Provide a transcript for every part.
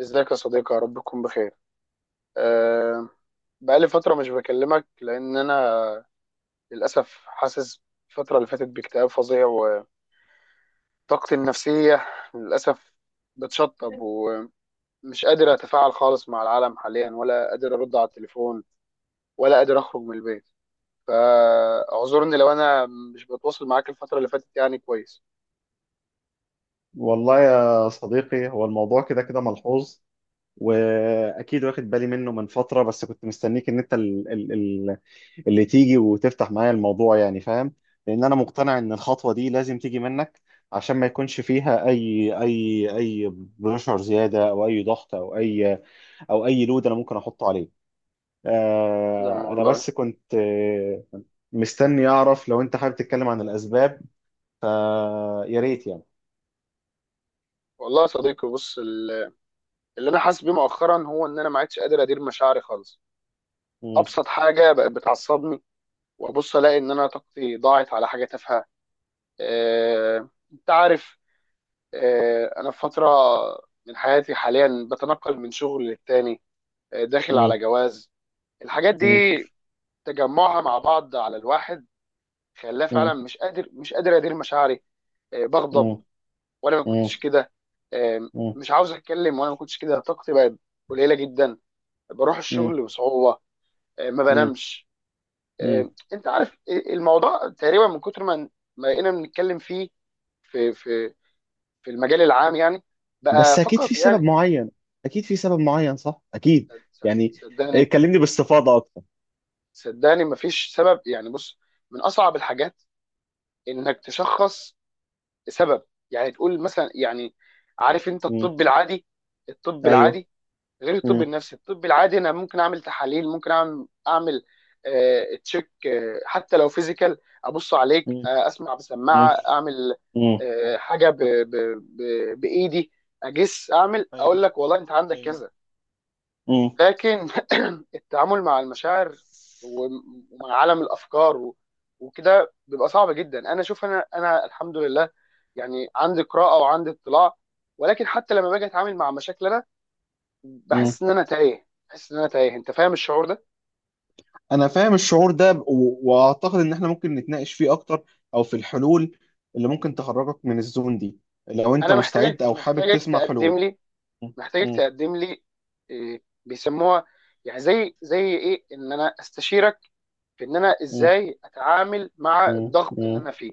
ازيك يا صديقي؟ يا رب تكون بخير. أه بقالي فترة مش بكلمك لأن أنا للأسف حاسس الفترة اللي فاتت باكتئاب فظيع، وطاقتي النفسية للأسف بتشطب، ومش قادر أتفاعل خالص مع العالم حاليا، ولا قادر أرد على التليفون، ولا قادر أخرج من البيت. فاعذرني لو أنا مش بتواصل معاك الفترة اللي فاتت، يعني كويس. والله يا صديقي، هو الموضوع كده كده ملحوظ واكيد واخد بالي منه من فتره، بس كنت مستنيك ان انت اللي تيجي وتفتح معايا الموضوع يعني، فاهم؟ لان انا مقتنع ان الخطوه دي لازم تيجي منك عشان ما يكونش فيها اي بريشر زياده او اي ضغط او اي او اي لود انا ممكن احطه عليه. لما انا والله، بس كنت مستني اعرف لو انت حابب تتكلم عن الاسباب، فيا ريت يعني. والله يا صديقي بص اللي أنا حاسس بيه مؤخرا هو إن أنا ما عدتش قادر أدير مشاعري خالص. مم، أبسط حاجة بقت بتعصبني، وابص الاقي ان انا طاقتي ضاعت على حاجه تافهه. انت عارف، انا في فتره من حياتي حاليا بتنقل من شغل للتاني، داخل مم، على جواز. الحاجات دي مم، تجمعها مع بعض على الواحد خلاه مم، فعلا مش قادر ادير مشاعري. بغضب، مم. وانا ما كنتش مم. كده. مم. مش عاوز اتكلم، وانا ما كنتش كده. طاقتي بقت قليله جدا، بروح مم. الشغل بصعوبه، ما مم. بنامش. مم. انت عارف، الموضوع تقريبا من كتر ما بقينا بنتكلم فيه في في في المجال العام، يعني بقى بس اكيد في فقط يعني. سبب معين، اكيد في سبب معين، صح؟ اكيد يعني. إيه، صدقني، كلمني باستفاضه اكتر. صدقني مفيش سبب. يعني بص، من اصعب الحاجات انك تشخص سبب، يعني تقول مثلا، يعني عارف انت مم. الطب العادي؟ الطب ايوه. العادي غير الطب مم. النفسي. الطب العادي انا ممكن اعمل تحاليل، ممكن اعمل آه تشيك، آه حتى لو فيزيكال، ابص عليك، مم. آه اسمع مم. بسماعه، اعمل مم. آه حاجه ب بايدي اجس، اعمل ايوه. اقول لك والله انت عندك ايوه. كذا. مم. لكن التعامل مع المشاعر، ومع عالم الافكار وكده بيبقى صعب جدا. انا شوف، انا الحمد لله يعني عندي قراءه وعندي اطلاع، ولكن حتى لما باجي اتعامل مع مشاكل انا مم. بحس ان انا تايه، بحس ان انا تايه، انت فاهم الشعور ده؟ انا فاهم الشعور ده، واعتقد ان احنا ممكن نتناقش فيه اكتر، او في الحلول اللي ممكن تخرجك من الزون دي، لو انت انا مستعد محتاجك او حابب محتاجك تسمع حلول. تقدم لي، مم. محتاجك مم. تقدم لي إيه بيسموها، يعني زي ايه ان انا استشيرك في ان انا مم. ازاي اتعامل مع مم. الضغط اللي مم. انا فيه.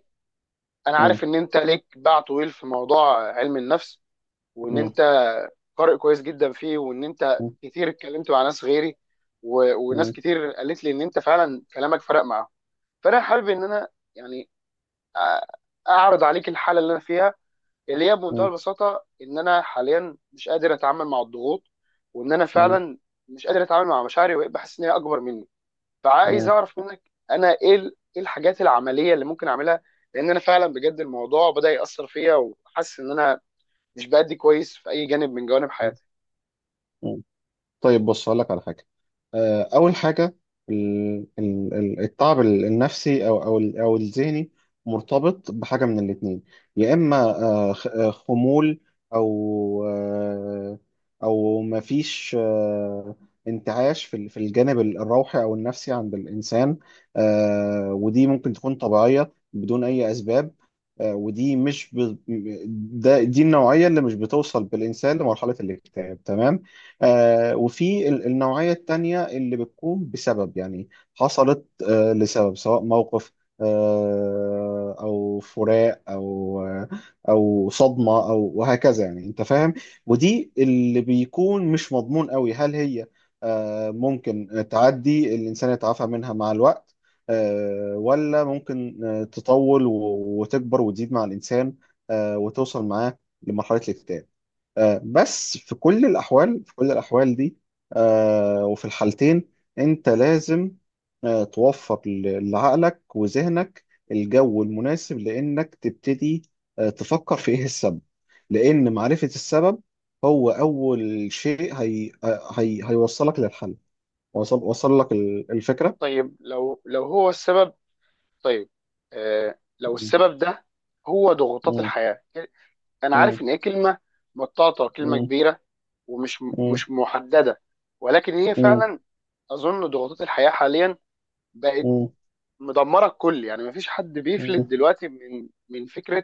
انا عارف ان انت ليك باع طويل في موضوع علم النفس، وان مم. انت قارئ كويس جدا فيه، وان انت مم. كتير اتكلمت مع ناس غيري، وناس مم. كتير قالت لي ان انت فعلا كلامك فرق معاهم. فانا حابب ان انا، يعني أ- اعرض عليك الحاله اللي انا فيها، اللي هي بمنتهى البساطه ان انا حاليا مش قادر اتعامل مع الضغوط، وان انا مم. فعلا مش قادر اتعامل مع مشاعري، وبقيت بحس ان هي اكبر مني. فعايز مم. اعرف منك انا ايه ايه الحاجات العمليه اللي ممكن اعملها، لان انا فعلا بجد الموضوع بدا ياثر فيا، وحاسس ان انا مش بادي كويس في اي جانب من جوانب حياتي. مم. طيب بص، هقول لك على حاجه. اول حاجه، التعب النفسي او او او الذهني مرتبط بحاجه من الاثنين. يا اما خمول او او مفيش انتعاش في في الجانب الروحي او النفسي عند الانسان. ودي ممكن تكون طبيعيه بدون اي اسباب. آه، ودي مش ب... ده دي النوعيه اللي مش بتوصل بالانسان لمرحله الاكتئاب، تمام. وفي النوعية التانية اللي بتكون بسبب يعني، حصلت لسبب، سواء موقف أو فراق أو أو صدمة أو وهكذا، يعني أنت فاهم. ودي اللي بيكون مش مضمون قوي، هل هي ممكن تعدي الإنسان يتعافى منها مع الوقت، ولا ممكن تطول وتكبر وتزيد مع الإنسان وتوصل معاه لمرحلة الاكتئاب. بس في كل الأحوال، في كل الأحوال دي وفي الحالتين، أنت لازم توفر لعقلك وذهنك الجو المناسب لأنك تبتدي تفكر في إيه السبب، لأن معرفة السبب هو أول شيء، هي هي هيوصلك للحل. وصل لك الفكرة؟ طيب لو هو السبب. طيب آه لو م- السبب ده هو ضغوطات م- الحياه، انا م- عارف ان هي كلمه مطاطه، كلمه م- كبيره، ومش م- مش محدده، ولكن هي م- فعلا اظن ضغوطات الحياه حاليا بقت م- مدمره الكل. يعني مفيش حد بيفلت م- م- دلوقتي من فكره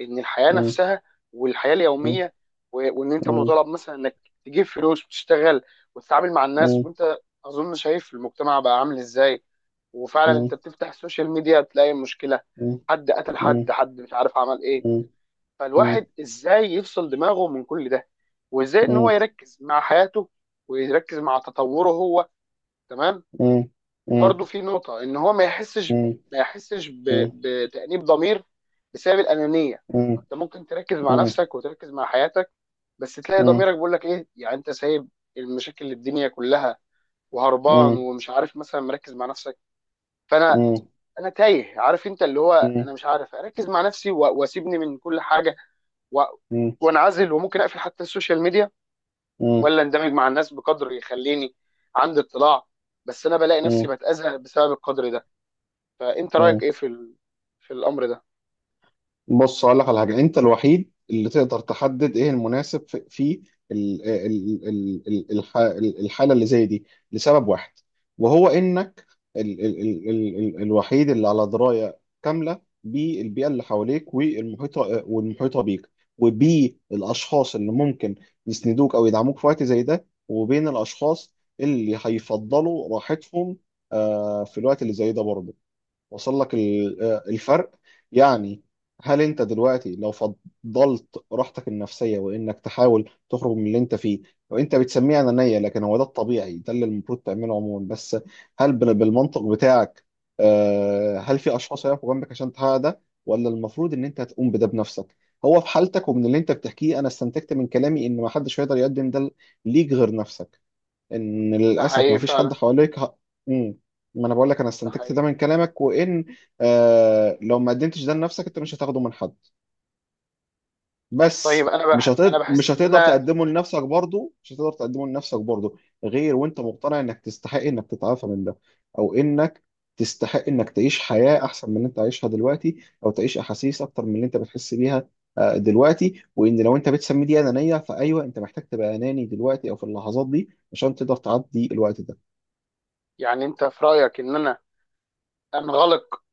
ان الحياه م- نفسها والحياه م- اليوميه، وان انت مطالب مثلا انك تجيب فلوس وتشتغل وتتعامل مع الناس، م- وانت اظن شايف المجتمع بقى عامل ازاي. وفعلا م- انت بتفتح السوشيال ميديا تلاقي مشكله، م- حد قتل حد، م- حد مش عارف عمل ايه. مم. مم. فالواحد ازاي يفصل دماغه من كل ده، وازاي ان هو مم. يركز مع حياته ويركز مع تطوره هو، تمام. مم. مم. وبرده في نقطه ان هو ما يحسش مم. ما يحسش مم. بتانيب ضمير بسبب الانانيه. انت ممكن تركز مع مم. نفسك وتركز مع حياتك، بس تلاقي مم. ضميرك بيقول لك ايه، يعني انت سايب المشاكل الدنيا كلها وهربان مم. ومش عارف، مثلا مركز مع نفسك. فانا مم. انا تايه، عارف انت اللي هو مم. انا مش عارف اركز مع نفسي، واسيبني من كل حاجه، و- مم. وانعزل، وممكن اقفل حتى السوشيال ميديا، مم. ولا اندمج مع الناس بقدر يخليني عندي اطلاع. بس انا بلاقي نفسي مم. بتاذى بسبب القدر ده. فانت رايك مم. ايه في في الامر ده؟ بص اقول لك على حاجه، انت الوحيد اللي تقدر تحدد ايه المناسب في في ال- ال- ال- ال- الح- الحاله اللي زي دي لسبب واحد، وهو انك ال ال ال ال ال الوحيد اللي على درايه كامله بالبيئه اللي حواليك والمحيطه والمحيطه بيك، وبالاشخاص اللي ممكن يسندوك او يدعموك في وقت زي ده، وبين الاشخاص اللي هيفضلوا راحتهم في الوقت اللي زي ده برضه. وصل لك الفرق يعني؟ هل انت دلوقتي لو فضلت راحتك النفسيه وانك تحاول تخرج من اللي انت فيه، وانت بتسميه انانيه لكن هو ده الطبيعي، ده اللي المفروض تعمله عموما. بس هل بالمنطق بتاعك، هل في اشخاص هيقفوا جنبك عشان تحقق ده، ولا المفروض ان انت تقوم بده بنفسك؟ هو في حالتك ومن اللي انت بتحكيه، انا استنتجت من كلامي ان ما حدش هيقدر يقدم ده ليك غير نفسك، ان ده للاسف حقيقي ما فيش حد فعلا، حواليك ه... مم. ما انا بقول لك، انا ده استنتجت ده حقيقي. من كلامك، وان آه لو ما قدمتش ده لنفسك انت مش هتاخده من حد، طيب بس انا مش انا هتقدر مش بحس ان هتقدر انا، تقدمه لنفسك برضه، مش هتقدر تقدمه لنفسك برضه، غير وانت مقتنع انك تستحق انك تتعافى من ده، او انك تستحق انك تعيش حياة احسن من اللي انت عايشها دلوقتي، او تعيش احاسيس اكتر من اللي انت بتحس بيها دلوقتي. وان لو انت بتسمي دي انانية، فايوه انت محتاج تبقى اناني دلوقتي او في اللحظات دي عشان تقدر تعدي الوقت ده. يعني انت في رايك ان انا انغلق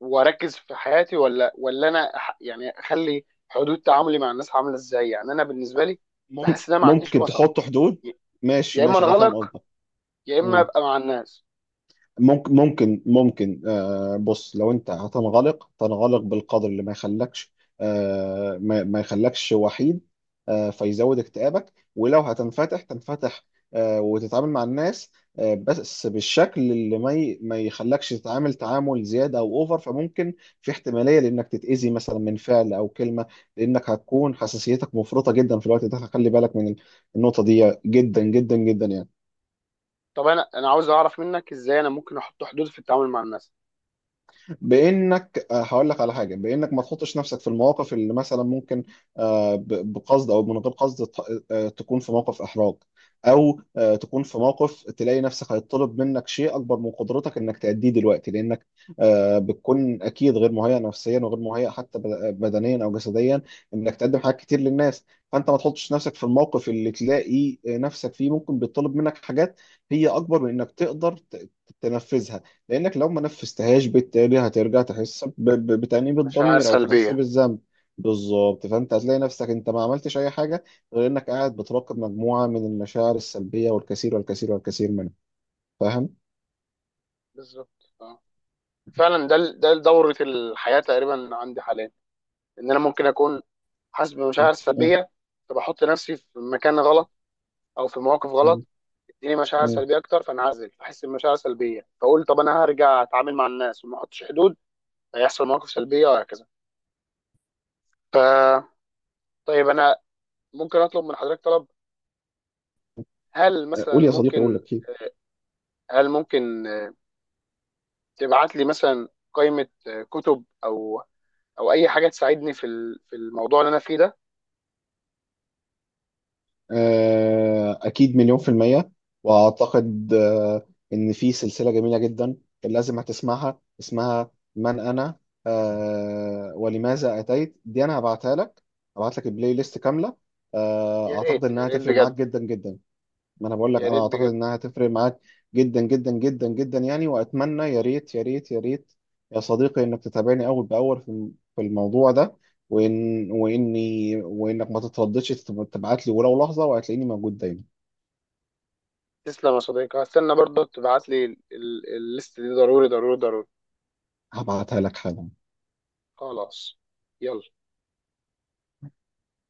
واركز في حياتي، ولا انا يعني اخلي حدود تعاملي مع الناس عامله ازاي؟ يعني انا بالنسبه لي بحس ان انا ما عنديش ممكن وسط. تحط حدود. ي- ماشي يا اما ماشي، انا فاهم انغلق، قصدك. يا اما مم. ابقى مع الناس. ممكن ممكن آه بص، لو انت هتنغلق، تنغلق بالقدر اللي ما يخلكش آه ما يخلكش وحيد آه فيزود اكتئابك، ولو هتنفتح، تنفتح آه وتتعامل مع الناس آه بس بالشكل اللي ما يخلكش تتعامل تعامل زيادة او اوفر، فممكن في احتمالية لانك تتأذي مثلا من فعل او كلمة، لانك هتكون حساسيتك مفرطة جدا في الوقت ده. خلي بالك من النقطة دي جدا جدا جدا يعني. طب انا عاوز اعرف منك ازاي انا ممكن احط حدود في التعامل مع الناس. بانك هقول لك على حاجه، بانك ما تحطش نفسك في المواقف اللي مثلا ممكن بقصد او من غير قصد تكون في موقف احراج، او تكون في موقف تلاقي نفسك هيطلب منك شيء اكبر من قدرتك انك تأديه دلوقتي، لانك بتكون اكيد غير مهيئ نفسيا، وغير مهيئ حتى بدنيا او جسديا انك تقدم حاجات كتير للناس. فانت ما تحطش نفسك في الموقف اللي تلاقي نفسك فيه ممكن بيطلب منك حاجات هي اكبر من انك تقدر تنفذها، لانك لو ما نفذتهاش بالتالي هترجع تحس بتأنيب مشاعر الضمير او تحس سلبيه. بالذنب. بالظبط، فانت هتلاقي نفسك انت ما عملتش اي حاجه غير انك قاعد بتراقب مجموعه من المشاعر السلبيه، والكثير والكثير والكثير منها. فاهم؟ بالظبط اه، فعلا ده ده دورة الحياة تقريبا عندي حاليا. ان انا ممكن اكون حاسس بمشاعر م- سلبيه، فبحط نفسي في مكان غلط، او في مواقف غلط، م- تديني مشاعر م. سلبيه اكتر، فانعزل، فاحس بمشاعر سلبيه، فاقول طب انا هرجع اتعامل مع الناس وما احطش حدود، هيحصل مواقف سلبيه، وهكذا. ف طيب انا ممكن اطلب من حضرتك طلب؟ هل مثلا قول يا صديقي، قول ممكن، لك. هل ممكن تبعت لي مثلا قائمه كتب، او اي حاجه تساعدني في في الموضوع اللي انا فيه ده؟ أكيد، مليون في المية. وأعتقد إن في سلسلة جميلة جدا كان لازم هتسمعها، اسمها من أنا ولماذا أتيت. دي أنا هبعتها لك، هبعت لك البلاي ليست كاملة. يا أعتقد ريت، يا إنها ريت هتفرق معاك بجد، جدا جدا. ما انا بقول لك، يا انا ريت اعتقد بجد. انها هتفرق معاك جدا جدا جدا جدا يعني. واتمنى يا ريت يا ريت يا ريت يا صديقي انك تتابعني اول باول في في الموضوع ده، وانك ما تترددش تبعت لي ولو لحظه، وهتلاقيني موجود دايما. تسلم يا صديقي، هستنى برضه تبعت لي الليست دي، ضروري ضروري ضروري. هبعتها لك حالا. خلاص، يلا.